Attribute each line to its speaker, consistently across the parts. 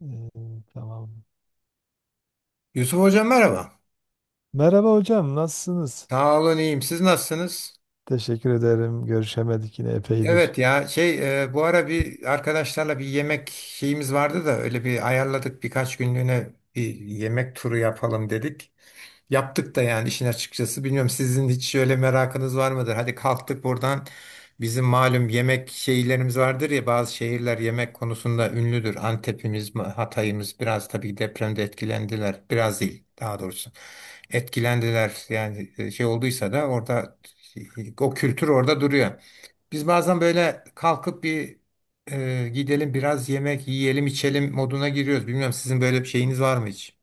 Speaker 1: Ee, tamam.
Speaker 2: Yusuf Hocam merhaba.
Speaker 1: Merhaba hocam, nasılsınız?
Speaker 2: Sağ olun iyiyim. Siz nasılsınız?
Speaker 1: Teşekkür ederim. Görüşemedik yine epeydir.
Speaker 2: Evet ya bu ara bir arkadaşlarla bir yemek şeyimiz vardı da öyle bir ayarladık birkaç günlüğüne bir yemek turu yapalım dedik. Yaptık da yani işin açıkçası. Bilmiyorum sizin hiç öyle merakınız var mıdır? Hadi kalktık buradan. Bizim malum yemek şeylerimiz vardır ya, bazı şehirler yemek konusunda ünlüdür. Antep'imiz, Hatay'ımız biraz tabii depremde etkilendiler. Biraz değil daha doğrusu. Etkilendiler yani şey olduysa da orada, e, o kültür orada duruyor. Biz bazen böyle kalkıp gidelim biraz yemek yiyelim içelim moduna giriyoruz. Bilmiyorum sizin böyle bir şeyiniz var mı hiç?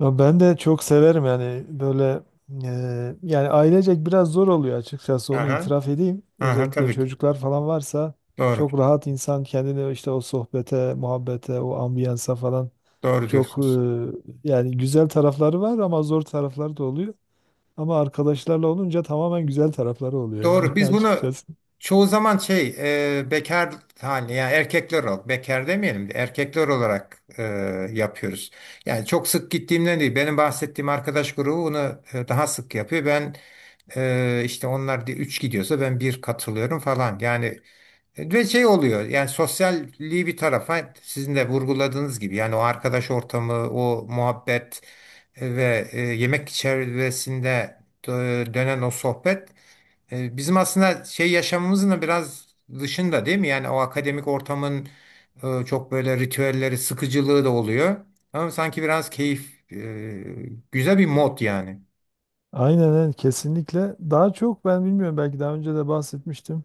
Speaker 1: Ya ben de çok severim yani böyle yani ailecek biraz zor oluyor açıkçası onu
Speaker 2: Aha,
Speaker 1: itiraf edeyim.
Speaker 2: aha
Speaker 1: Özellikle
Speaker 2: tabii ki.
Speaker 1: çocuklar falan varsa
Speaker 2: Doğru.
Speaker 1: çok rahat insan kendini işte o sohbete, muhabbete, o ambiyansa falan.
Speaker 2: Doğru
Speaker 1: Çok
Speaker 2: diyorsunuz.
Speaker 1: yani güzel tarafları var ama zor tarafları da oluyor. Ama arkadaşlarla olunca tamamen güzel tarafları oluyor
Speaker 2: Doğru.
Speaker 1: yani
Speaker 2: Biz bunu
Speaker 1: açıkçası.
Speaker 2: çoğu zaman bekar haline, yani erkekler olarak bekar demeyelim de erkekler olarak, yapıyoruz. Yani çok sık gittiğimden değil. Benim bahsettiğim arkadaş grubu bunu, daha sık yapıyor. Ben, işte onlar üç gidiyorsa ben bir katılıyorum falan. Yani ve şey oluyor, yani sosyalliği bir tarafa sizin de vurguladığınız gibi yani o arkadaş ortamı, o muhabbet ve yemek çevresinde dönen o sohbet, bizim aslında şey yaşamımızın da biraz dışında değil mi? Yani o akademik ortamın, çok böyle ritüelleri, sıkıcılığı da oluyor. Ama sanki biraz keyif, güzel bir mod yani.
Speaker 1: Aynen evet, kesinlikle. Daha çok ben bilmiyorum, belki daha önce de bahsetmiştim.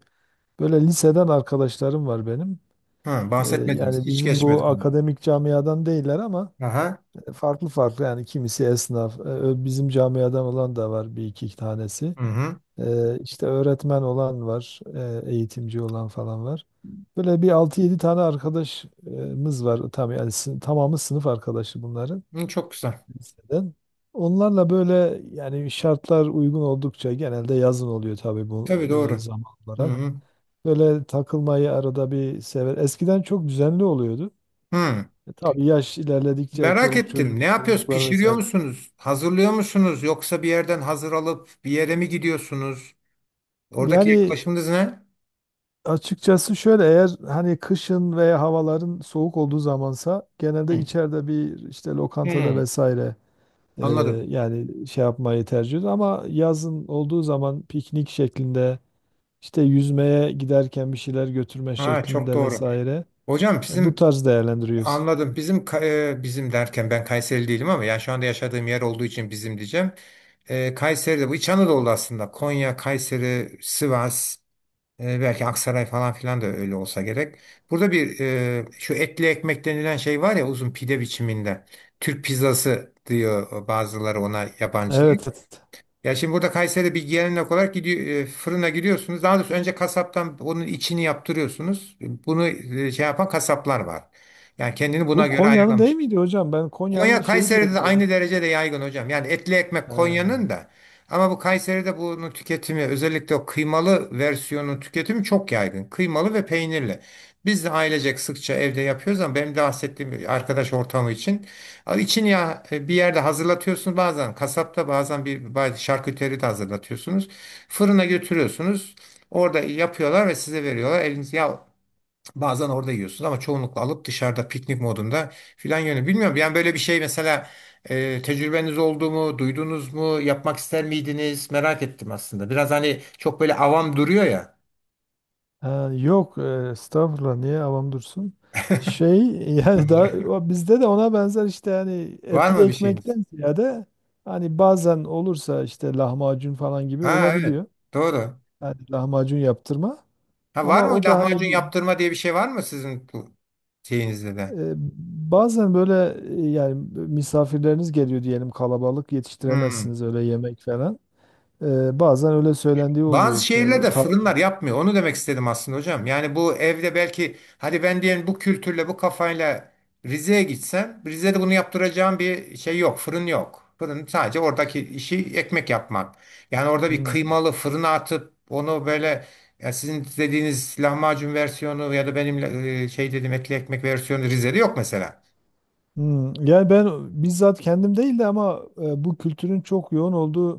Speaker 1: Böyle liseden arkadaşlarım var benim.
Speaker 2: Ha,
Speaker 1: E,
Speaker 2: bahsetmediniz.
Speaker 1: yani
Speaker 2: Hiç
Speaker 1: bizim bu
Speaker 2: geçmedik onu.
Speaker 1: akademik camiadan değiller ama
Speaker 2: Aha.
Speaker 1: farklı farklı, yani kimisi esnaf, bizim camiadan olan da var bir iki tanesi.
Speaker 2: Hı hı.
Speaker 1: İşte öğretmen olan var, eğitimci olan falan var. Böyle bir altı yedi tane arkadaşımız var. Tam, yani tamamı sınıf arkadaşı bunların,
Speaker 2: Hı, çok güzel.
Speaker 1: liseden. Onlarla böyle yani şartlar uygun oldukça, genelde yazın oluyor tabii bu
Speaker 2: Tabii doğru.
Speaker 1: zaman
Speaker 2: Hı
Speaker 1: olarak.
Speaker 2: hı.
Speaker 1: Böyle takılmayı arada bir sever. Eskiden çok düzenli oluyordu.
Speaker 2: Hmm,
Speaker 1: E, tabii yaş ilerledikçe
Speaker 2: merak
Speaker 1: çoluk
Speaker 2: ettim.
Speaker 1: çocuk
Speaker 2: Ne yapıyoruz?
Speaker 1: sorumluluklar
Speaker 2: Pişiriyor
Speaker 1: vesaire.
Speaker 2: musunuz? Hazırlıyor musunuz? Yoksa bir yerden hazır alıp bir yere mi gidiyorsunuz? Oradaki
Speaker 1: Yani
Speaker 2: yaklaşımınız ne?
Speaker 1: açıkçası şöyle, eğer hani kışın veya havaların soğuk olduğu zamansa genelde
Speaker 2: Hmm.
Speaker 1: içeride bir işte lokantada
Speaker 2: Hmm,
Speaker 1: vesaire e,
Speaker 2: anladım.
Speaker 1: yani şey yapmayı tercih ediyoruz. Ama yazın olduğu zaman piknik şeklinde, işte yüzmeye giderken bir şeyler götürme
Speaker 2: Ha, çok
Speaker 1: şeklinde
Speaker 2: doğru.
Speaker 1: vesaire,
Speaker 2: Hocam
Speaker 1: bu
Speaker 2: bizim
Speaker 1: tarz değerlendiriyoruz.
Speaker 2: anladım. Bizim derken ben Kayseri değilim ama yani şu anda yaşadığım yer olduğu için bizim diyeceğim. Kayseri'de bu İç Anadolu aslında. Konya, Kayseri, Sivas. Belki Aksaray falan filan da öyle olsa gerek. Burada bir, şu etli ekmek denilen şey var ya, uzun pide biçiminde. Türk pizzası diyor bazıları ona, yabancılar.
Speaker 1: Evet, evet.
Speaker 2: Ya şimdi burada Kayseri'de bir gelenek olarak gidiyor, fırına gidiyorsunuz. Daha doğrusu önce kasaptan onun içini yaptırıyorsunuz. Bunu, şey yapan kasaplar var. Yani kendini buna
Speaker 1: Bu
Speaker 2: göre
Speaker 1: Konya'nın değil
Speaker 2: ayarlamış.
Speaker 1: miydi hocam? Ben Konya'nın
Speaker 2: Konya
Speaker 1: şeyi diye
Speaker 2: Kayseri'de de
Speaker 1: biliyorum.
Speaker 2: aynı derecede yaygın hocam. Yani etli ekmek Konya'nın da, ama bu Kayseri'de bunun tüketimi, özellikle o kıymalı versiyonun tüketimi çok yaygın. Kıymalı ve peynirli. Biz de ailecek sıkça evde yapıyoruz, ama benim de bahsettiğim bir arkadaş ortamı için. Al için ya, bir yerde hazırlatıyorsunuz, bazen kasapta bazen bazı şarküteri de hazırlatıyorsunuz. Fırına götürüyorsunuz. Orada yapıyorlar ve size veriyorlar. Eliniz ya, bazen orada yiyorsunuz ama çoğunlukla alıp dışarıda piknik modunda filan yönü. Bilmiyorum yani böyle bir şey mesela, tecrübeniz oldu mu, duydunuz mu, yapmak ister miydiniz? Merak ettim aslında. Biraz hani çok böyle avam duruyor ya.
Speaker 1: Ha, yok, estağfurullah, niye avam dursun? Şey, yani
Speaker 2: Öyle.
Speaker 1: da bizde de ona benzer, işte yani
Speaker 2: Var
Speaker 1: etli
Speaker 2: mı bir şeyiniz?
Speaker 1: ekmekten ziyade hani bazen olursa işte lahmacun falan gibi
Speaker 2: Ha evet,
Speaker 1: olabiliyor.
Speaker 2: doğru.
Speaker 1: Yani lahmacun yaptırma,
Speaker 2: Ha, var
Speaker 1: ama
Speaker 2: mı
Speaker 1: o da hani
Speaker 2: lahmacun yaptırma diye bir şey var mı sizin bu şeyinizde de?
Speaker 1: e, bazen böyle yani misafirleriniz geliyor diyelim, kalabalık,
Speaker 2: Hmm.
Speaker 1: yetiştiremezsiniz öyle yemek falan. E, bazen öyle söylendiği oluyor
Speaker 2: Bazı
Speaker 1: işte. Bu
Speaker 2: şehirlerde
Speaker 1: tar-.
Speaker 2: fırınlar yapmıyor. Onu demek istedim aslında hocam. Yani bu evde belki, hadi ben diyelim bu kültürle bu kafayla Rize'ye gitsem, Rize'de bunu yaptıracağım bir şey yok. Fırın yok. Fırın sadece oradaki işi ekmek yapmak. Yani orada bir
Speaker 1: Hmm.
Speaker 2: kıymalı fırına atıp onu böyle, ya sizin dediğiniz lahmacun versiyonu ya da benim, şey dedim etli ekmek versiyonu Rize'de yok mesela.
Speaker 1: Hmm, yani ben bizzat kendim değil de, ama bu kültürün çok yoğun olduğu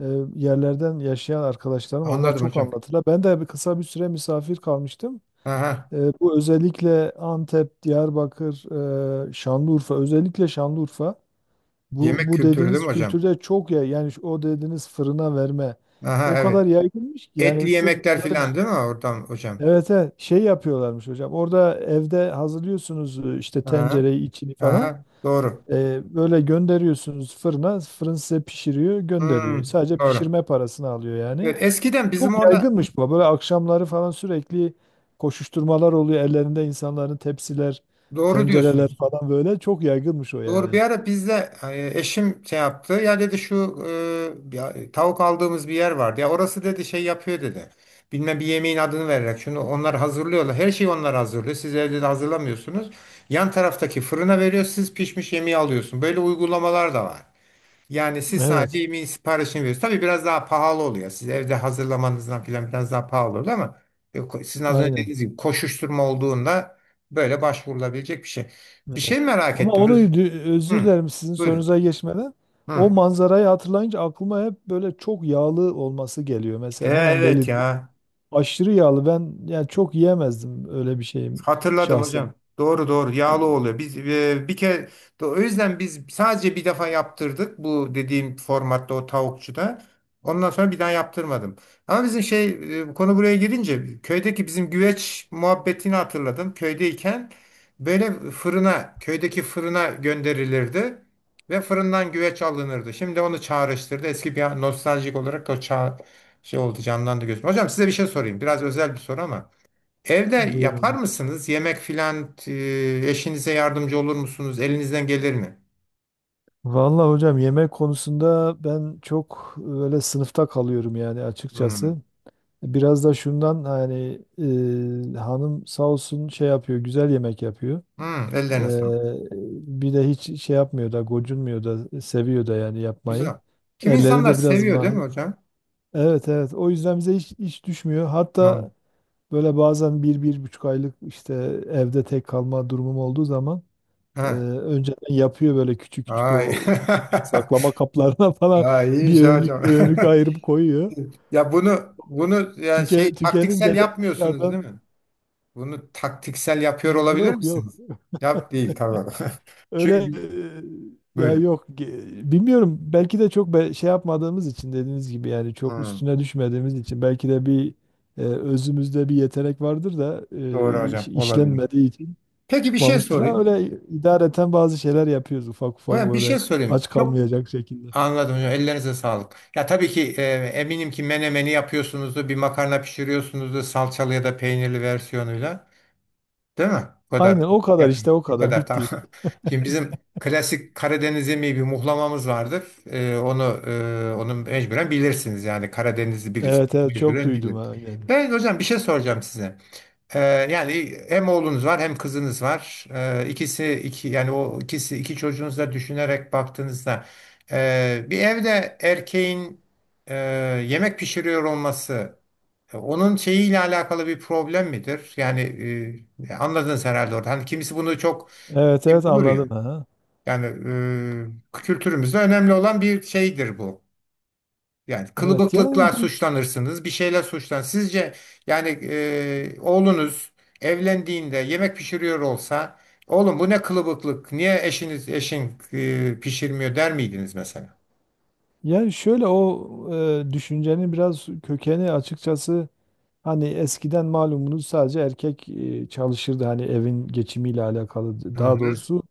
Speaker 1: e, yerlerden, yaşayan arkadaşlarım onlar
Speaker 2: Anladım
Speaker 1: çok
Speaker 2: hocam.
Speaker 1: anlatırlar. Ben de bir, kısa bir süre misafir kalmıştım.
Speaker 2: Aha.
Speaker 1: E, bu özellikle Antep, Diyarbakır, Şanlıurfa, özellikle Şanlıurfa. Bu,
Speaker 2: Yemek
Speaker 1: bu
Speaker 2: kültürü değil
Speaker 1: dediğiniz
Speaker 2: mi hocam?
Speaker 1: kültürde çok, ya yani o dediğiniz fırına verme o
Speaker 2: Aha evet.
Speaker 1: kadar yaygınmış ki
Speaker 2: Etli
Speaker 1: yani, sırf
Speaker 2: yemekler
Speaker 1: böyle
Speaker 2: filan değil mi oradan hocam?
Speaker 1: evet evet, şey yapıyorlarmış hocam. Orada evde hazırlıyorsunuz işte
Speaker 2: Aha.
Speaker 1: tencereyi, içini falan.
Speaker 2: Aha, doğru.
Speaker 1: Böyle gönderiyorsunuz fırına, fırın size pişiriyor, gönderiyor.
Speaker 2: Hmm,
Speaker 1: Sadece
Speaker 2: doğru.
Speaker 1: pişirme parasını alıyor yani.
Speaker 2: Evet, eskiden
Speaker 1: Çok
Speaker 2: bizim orada
Speaker 1: yaygınmış bu. Böyle akşamları falan sürekli koşuşturmalar oluyor. Ellerinde insanların tepsiler,
Speaker 2: doğru
Speaker 1: tencereler
Speaker 2: diyorsunuz.
Speaker 1: falan böyle. Çok yaygınmış o
Speaker 2: Doğru. Bir
Speaker 1: yani.
Speaker 2: ara bizde, eşim şey yaptı. Ya dedi, şu e, ya, e, tavuk aldığımız bir yer vardı. Ya orası dedi şey yapıyor dedi. Bilmem bir yemeğin adını vererek şunu onlar hazırlıyorlar. Her şeyi onlar hazırlıyor. Siz evde de hazırlamıyorsunuz. Yan taraftaki fırına veriyor. Siz pişmiş yemeği alıyorsun. Böyle uygulamalar da var. Yani siz sadece
Speaker 1: Evet,
Speaker 2: yemeğin siparişini veriyorsunuz. Tabii biraz daha pahalı oluyor. Siz evde hazırlamanızdan filan biraz daha pahalı oluyor, ama sizin az önce
Speaker 1: aynen.
Speaker 2: dediğiniz gibi koşuşturma olduğunda böyle başvurulabilecek bir şey. Bir
Speaker 1: Evet.
Speaker 2: şey merak
Speaker 1: Ama
Speaker 2: ettim.
Speaker 1: onu
Speaker 2: Öz-
Speaker 1: özür
Speaker 2: hı,
Speaker 1: dilerim, sizin
Speaker 2: buyurun.
Speaker 1: sorunuza geçmeden.
Speaker 2: Hı.
Speaker 1: O manzarayı hatırlayınca aklıma hep böyle çok yağlı olması geliyor. Mesela hemen
Speaker 2: Evet
Speaker 1: belirttim.
Speaker 2: ya.
Speaker 1: Aşırı yağlı. Ben yani çok yiyemezdim öyle, bir şeyim
Speaker 2: Hatırladım
Speaker 1: şahsen.
Speaker 2: hocam. Doğru doğru, yağlı oluyor. Bir kere o yüzden biz sadece bir defa yaptırdık bu dediğim formatta, o tavukçuda. Ondan sonra bir daha yaptırmadım. Ama bizim şey, konu buraya girince köydeki bizim güveç muhabbetini hatırladım. Köydeyken böyle fırına, köydeki fırına gönderilirdi ve fırından güveç alınırdı. Şimdi onu çağrıştırdı. Eski bir nostaljik olarak o çağ şey oldu, canlandı gözüm. Hocam, size bir şey sorayım. Biraz özel bir soru ama evde yapar
Speaker 1: Buyurun.
Speaker 2: mısınız? Yemek filan, eşinize yardımcı olur musunuz? Elinizden gelir mi?
Speaker 1: Vallahi hocam, yemek konusunda ben çok öyle sınıfta kalıyorum yani
Speaker 2: Hmm.
Speaker 1: açıkçası. Biraz da şundan, hani hanım sağ olsun şey yapıyor, güzel yemek yapıyor.
Speaker 2: Hmm, ellerine sağlık.
Speaker 1: E, bir de hiç şey yapmıyor da, gocunmuyor da, seviyor da yani yapmayı.
Speaker 2: Güzel. Kim
Speaker 1: Elleri
Speaker 2: insanlar
Speaker 1: de biraz
Speaker 2: seviyor değil mi
Speaker 1: mahir.
Speaker 2: hocam?
Speaker 1: Evet evet. O yüzden bize hiç düşmüyor. Hatta
Speaker 2: Tamam.
Speaker 1: böyle bazen bir, bir buçuk aylık işte evde tek kalma durumum olduğu zaman Ee,
Speaker 2: Ha.
Speaker 1: önceden yapıyor böyle küçük küçük
Speaker 2: Ay.
Speaker 1: o kutu saklama kaplarına falan,
Speaker 2: Ay
Speaker 1: bir
Speaker 2: iyiymiş ya hocam.
Speaker 1: önlük bir önlük ayırıp koyuyor.
Speaker 2: Ya bunu ya şey
Speaker 1: Tüke,
Speaker 2: taktiksel
Speaker 1: tükenince de
Speaker 2: yapmıyorsunuz değil
Speaker 1: dışarıdan
Speaker 2: mi? Bunu taktiksel yapıyor olabilir
Speaker 1: yok yok.
Speaker 2: misiniz? Yap değil, tamam.
Speaker 1: Öyle
Speaker 2: Çünkü
Speaker 1: ya
Speaker 2: böyle.
Speaker 1: yok, bilmiyorum, belki de çok şey yapmadığımız için, dediğiniz gibi yani çok
Speaker 2: Hmm,
Speaker 1: üstüne düşmediğimiz için, belki de bir özümüzde bir yetenek vardır da
Speaker 2: doğru hocam, olabilir.
Speaker 1: işlenmediği için
Speaker 2: Peki bir şey
Speaker 1: çıkmamıştır. Ha,
Speaker 2: sorayım.
Speaker 1: öyle idareten bazı şeyler yapıyoruz ufak ufak
Speaker 2: Hocam bir şey
Speaker 1: böyle,
Speaker 2: sorayım.
Speaker 1: aç
Speaker 2: Çok
Speaker 1: kalmayacak şekilde.
Speaker 2: anladım hocam. Ellerinize sağlık. Ya tabii ki, eminim ki menemeni yapıyorsunuzdur, bir makarna pişiriyorsunuzdur salçalı ya da peynirli versiyonuyla. Değil mi? Bu
Speaker 1: Aynen,
Speaker 2: kadar
Speaker 1: o kadar
Speaker 2: yapın.
Speaker 1: işte, o
Speaker 2: Bu
Speaker 1: kadar
Speaker 2: kadar tamam.
Speaker 1: bitti.
Speaker 2: Şimdi bizim klasik Karadeniz yemeği bir muhlamamız vardır. E, onu onu mecburen bilirsiniz, yani Karadenizli birisi
Speaker 1: Evet evet, çok
Speaker 2: mecburen
Speaker 1: duydum
Speaker 2: bilir.
Speaker 1: ha, aynen.
Speaker 2: Ben hocam bir şey soracağım size. Ee, yani hem oğlunuz var hem kızınız var. İkisi iki, yani o ikisi iki çocuğunuzu da düşünerek baktığınızda, bir evde erkeğin, e, yemek pişiriyor olması, onun şeyiyle alakalı bir problem midir? Yani, anladınız herhalde orada. Hani kimisi bunu çok
Speaker 1: Evet
Speaker 2: şey
Speaker 1: evet
Speaker 2: bulur ya.
Speaker 1: anladım ha.
Speaker 2: Yani, kültürümüzde önemli olan bir şeydir bu. Yani
Speaker 1: Evet yani
Speaker 2: kılıbıklıkla suçlanırsınız, bir şeyler suçlan. Sizce yani, oğlunuz evlendiğinde yemek pişiriyor olsa, oğlum bu ne kılıbıklık, niye pişirmiyor der miydiniz mesela?
Speaker 1: yani şöyle o düşüncenin biraz kökeni açıkçası, hani eskiden malumunuz sadece erkek çalışırdı, hani evin geçimiyle alakalı,
Speaker 2: Hı
Speaker 1: daha
Speaker 2: hı.
Speaker 1: doğrusu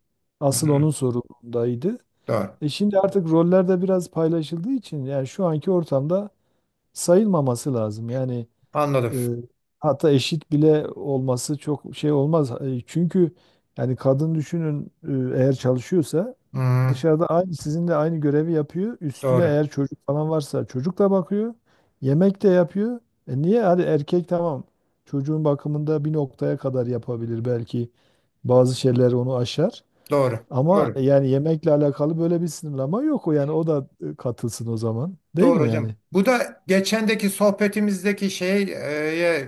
Speaker 2: Hı
Speaker 1: asıl
Speaker 2: hı.
Speaker 1: onun sorumluluğundaydı.
Speaker 2: Doğru.
Speaker 1: E şimdi artık roller de biraz paylaşıldığı için yani şu anki ortamda sayılmaması lazım. Yani,
Speaker 2: Anladım.
Speaker 1: e, hatta eşit bile olması çok şey olmaz. E, çünkü yani kadın düşünün, eğer çalışıyorsa
Speaker 2: Hı, hı.
Speaker 1: dışarıda, aynı sizinle aynı görevi yapıyor. Üstüne
Speaker 2: Doğru.
Speaker 1: eğer çocuk falan varsa çocuk da bakıyor. Yemek de yapıyor. E niye? Hadi erkek tamam. Çocuğun bakımında bir noktaya kadar yapabilir belki. Bazı şeyler onu aşar.
Speaker 2: Doğru.
Speaker 1: Ama
Speaker 2: Doğru.
Speaker 1: yani yemekle alakalı böyle bir sınırlama yok. O yani o da katılsın o zaman. Değil
Speaker 2: Doğru
Speaker 1: mi
Speaker 2: hocam.
Speaker 1: yani?
Speaker 2: Bu da geçendeki sohbetimizdeki şeye, e,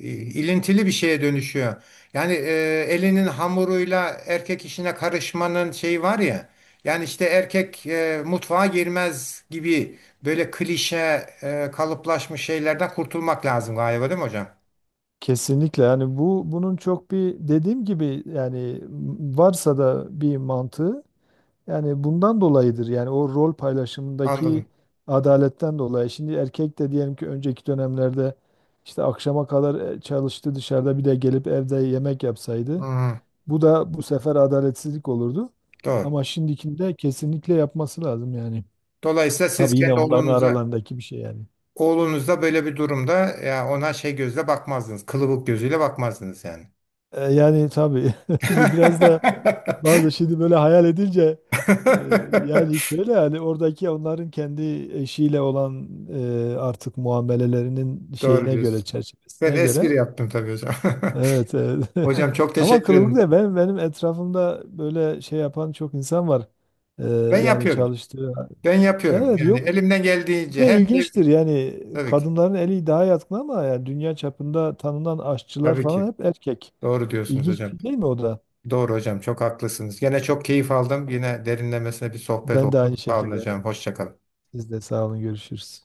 Speaker 2: e, ilintili bir şeye dönüşüyor. Yani, elinin hamuruyla erkek işine karışmanın şeyi var ya. Yani işte erkek, mutfağa girmez gibi böyle klişe, kalıplaşmış şeylerden kurtulmak lazım galiba değil mi hocam?
Speaker 1: Kesinlikle, yani bu bunun çok bir dediğim gibi yani, varsa da bir mantığı, yani bundan dolayıdır. Yani o rol paylaşımındaki
Speaker 2: Anladım.
Speaker 1: adaletten dolayı. Şimdi erkek de diyelim ki önceki dönemlerde işte akşama kadar çalıştı dışarıda, bir de gelip evde yemek yapsaydı,
Speaker 2: Hı,
Speaker 1: bu da bu sefer adaletsizlik olurdu.
Speaker 2: doğru.
Speaker 1: Ama şimdikinde kesinlikle yapması lazım yani.
Speaker 2: Dolayısıyla siz
Speaker 1: Tabii yine
Speaker 2: kendi
Speaker 1: onların
Speaker 2: oğlunuza,
Speaker 1: aralarındaki bir şey yani.
Speaker 2: oğlunuzda böyle bir durumda ya ona şey gözle bakmazdınız. Kılıbık gözüyle bakmazdınız yani.
Speaker 1: E, yani tabii, biraz da bazı, şimdi böyle hayal edince e, yani şöyle, yani oradaki onların kendi eşiyle olan artık muamelelerinin
Speaker 2: Doğru
Speaker 1: şeyine göre,
Speaker 2: diyorsun. Ben
Speaker 1: çerçevesine
Speaker 2: espri
Speaker 1: göre
Speaker 2: yaptım tabii hocam.
Speaker 1: evet, evet.
Speaker 2: Hocam çok
Speaker 1: Ama
Speaker 2: teşekkür ederim.
Speaker 1: kılıbıkla ben, benim etrafımda böyle şey yapan çok insan var. E,
Speaker 2: Ben
Speaker 1: yani
Speaker 2: yapıyorum.
Speaker 1: çalıştığı
Speaker 2: Ben yapıyorum.
Speaker 1: evet
Speaker 2: Yani
Speaker 1: yok,
Speaker 2: elimden
Speaker 1: bir
Speaker 2: geldiğince
Speaker 1: de
Speaker 2: her şey
Speaker 1: ilginçtir yani,
Speaker 2: tabii ki.
Speaker 1: kadınların eli daha yatkın ama yani dünya çapında tanınan aşçılar
Speaker 2: Tabii
Speaker 1: falan
Speaker 2: ki.
Speaker 1: hep erkek.
Speaker 2: Doğru diyorsunuz
Speaker 1: İlginç bir
Speaker 2: hocam.
Speaker 1: şey değil mi o da?
Speaker 2: Doğru hocam. Çok haklısınız. Yine çok keyif aldım. Yine derinlemesine bir sohbet
Speaker 1: Ben de aynı
Speaker 2: oldu. Sağ olun
Speaker 1: şekilde.
Speaker 2: hocam. Hoşça kalın.
Speaker 1: Siz de sağ olun, görüşürüz.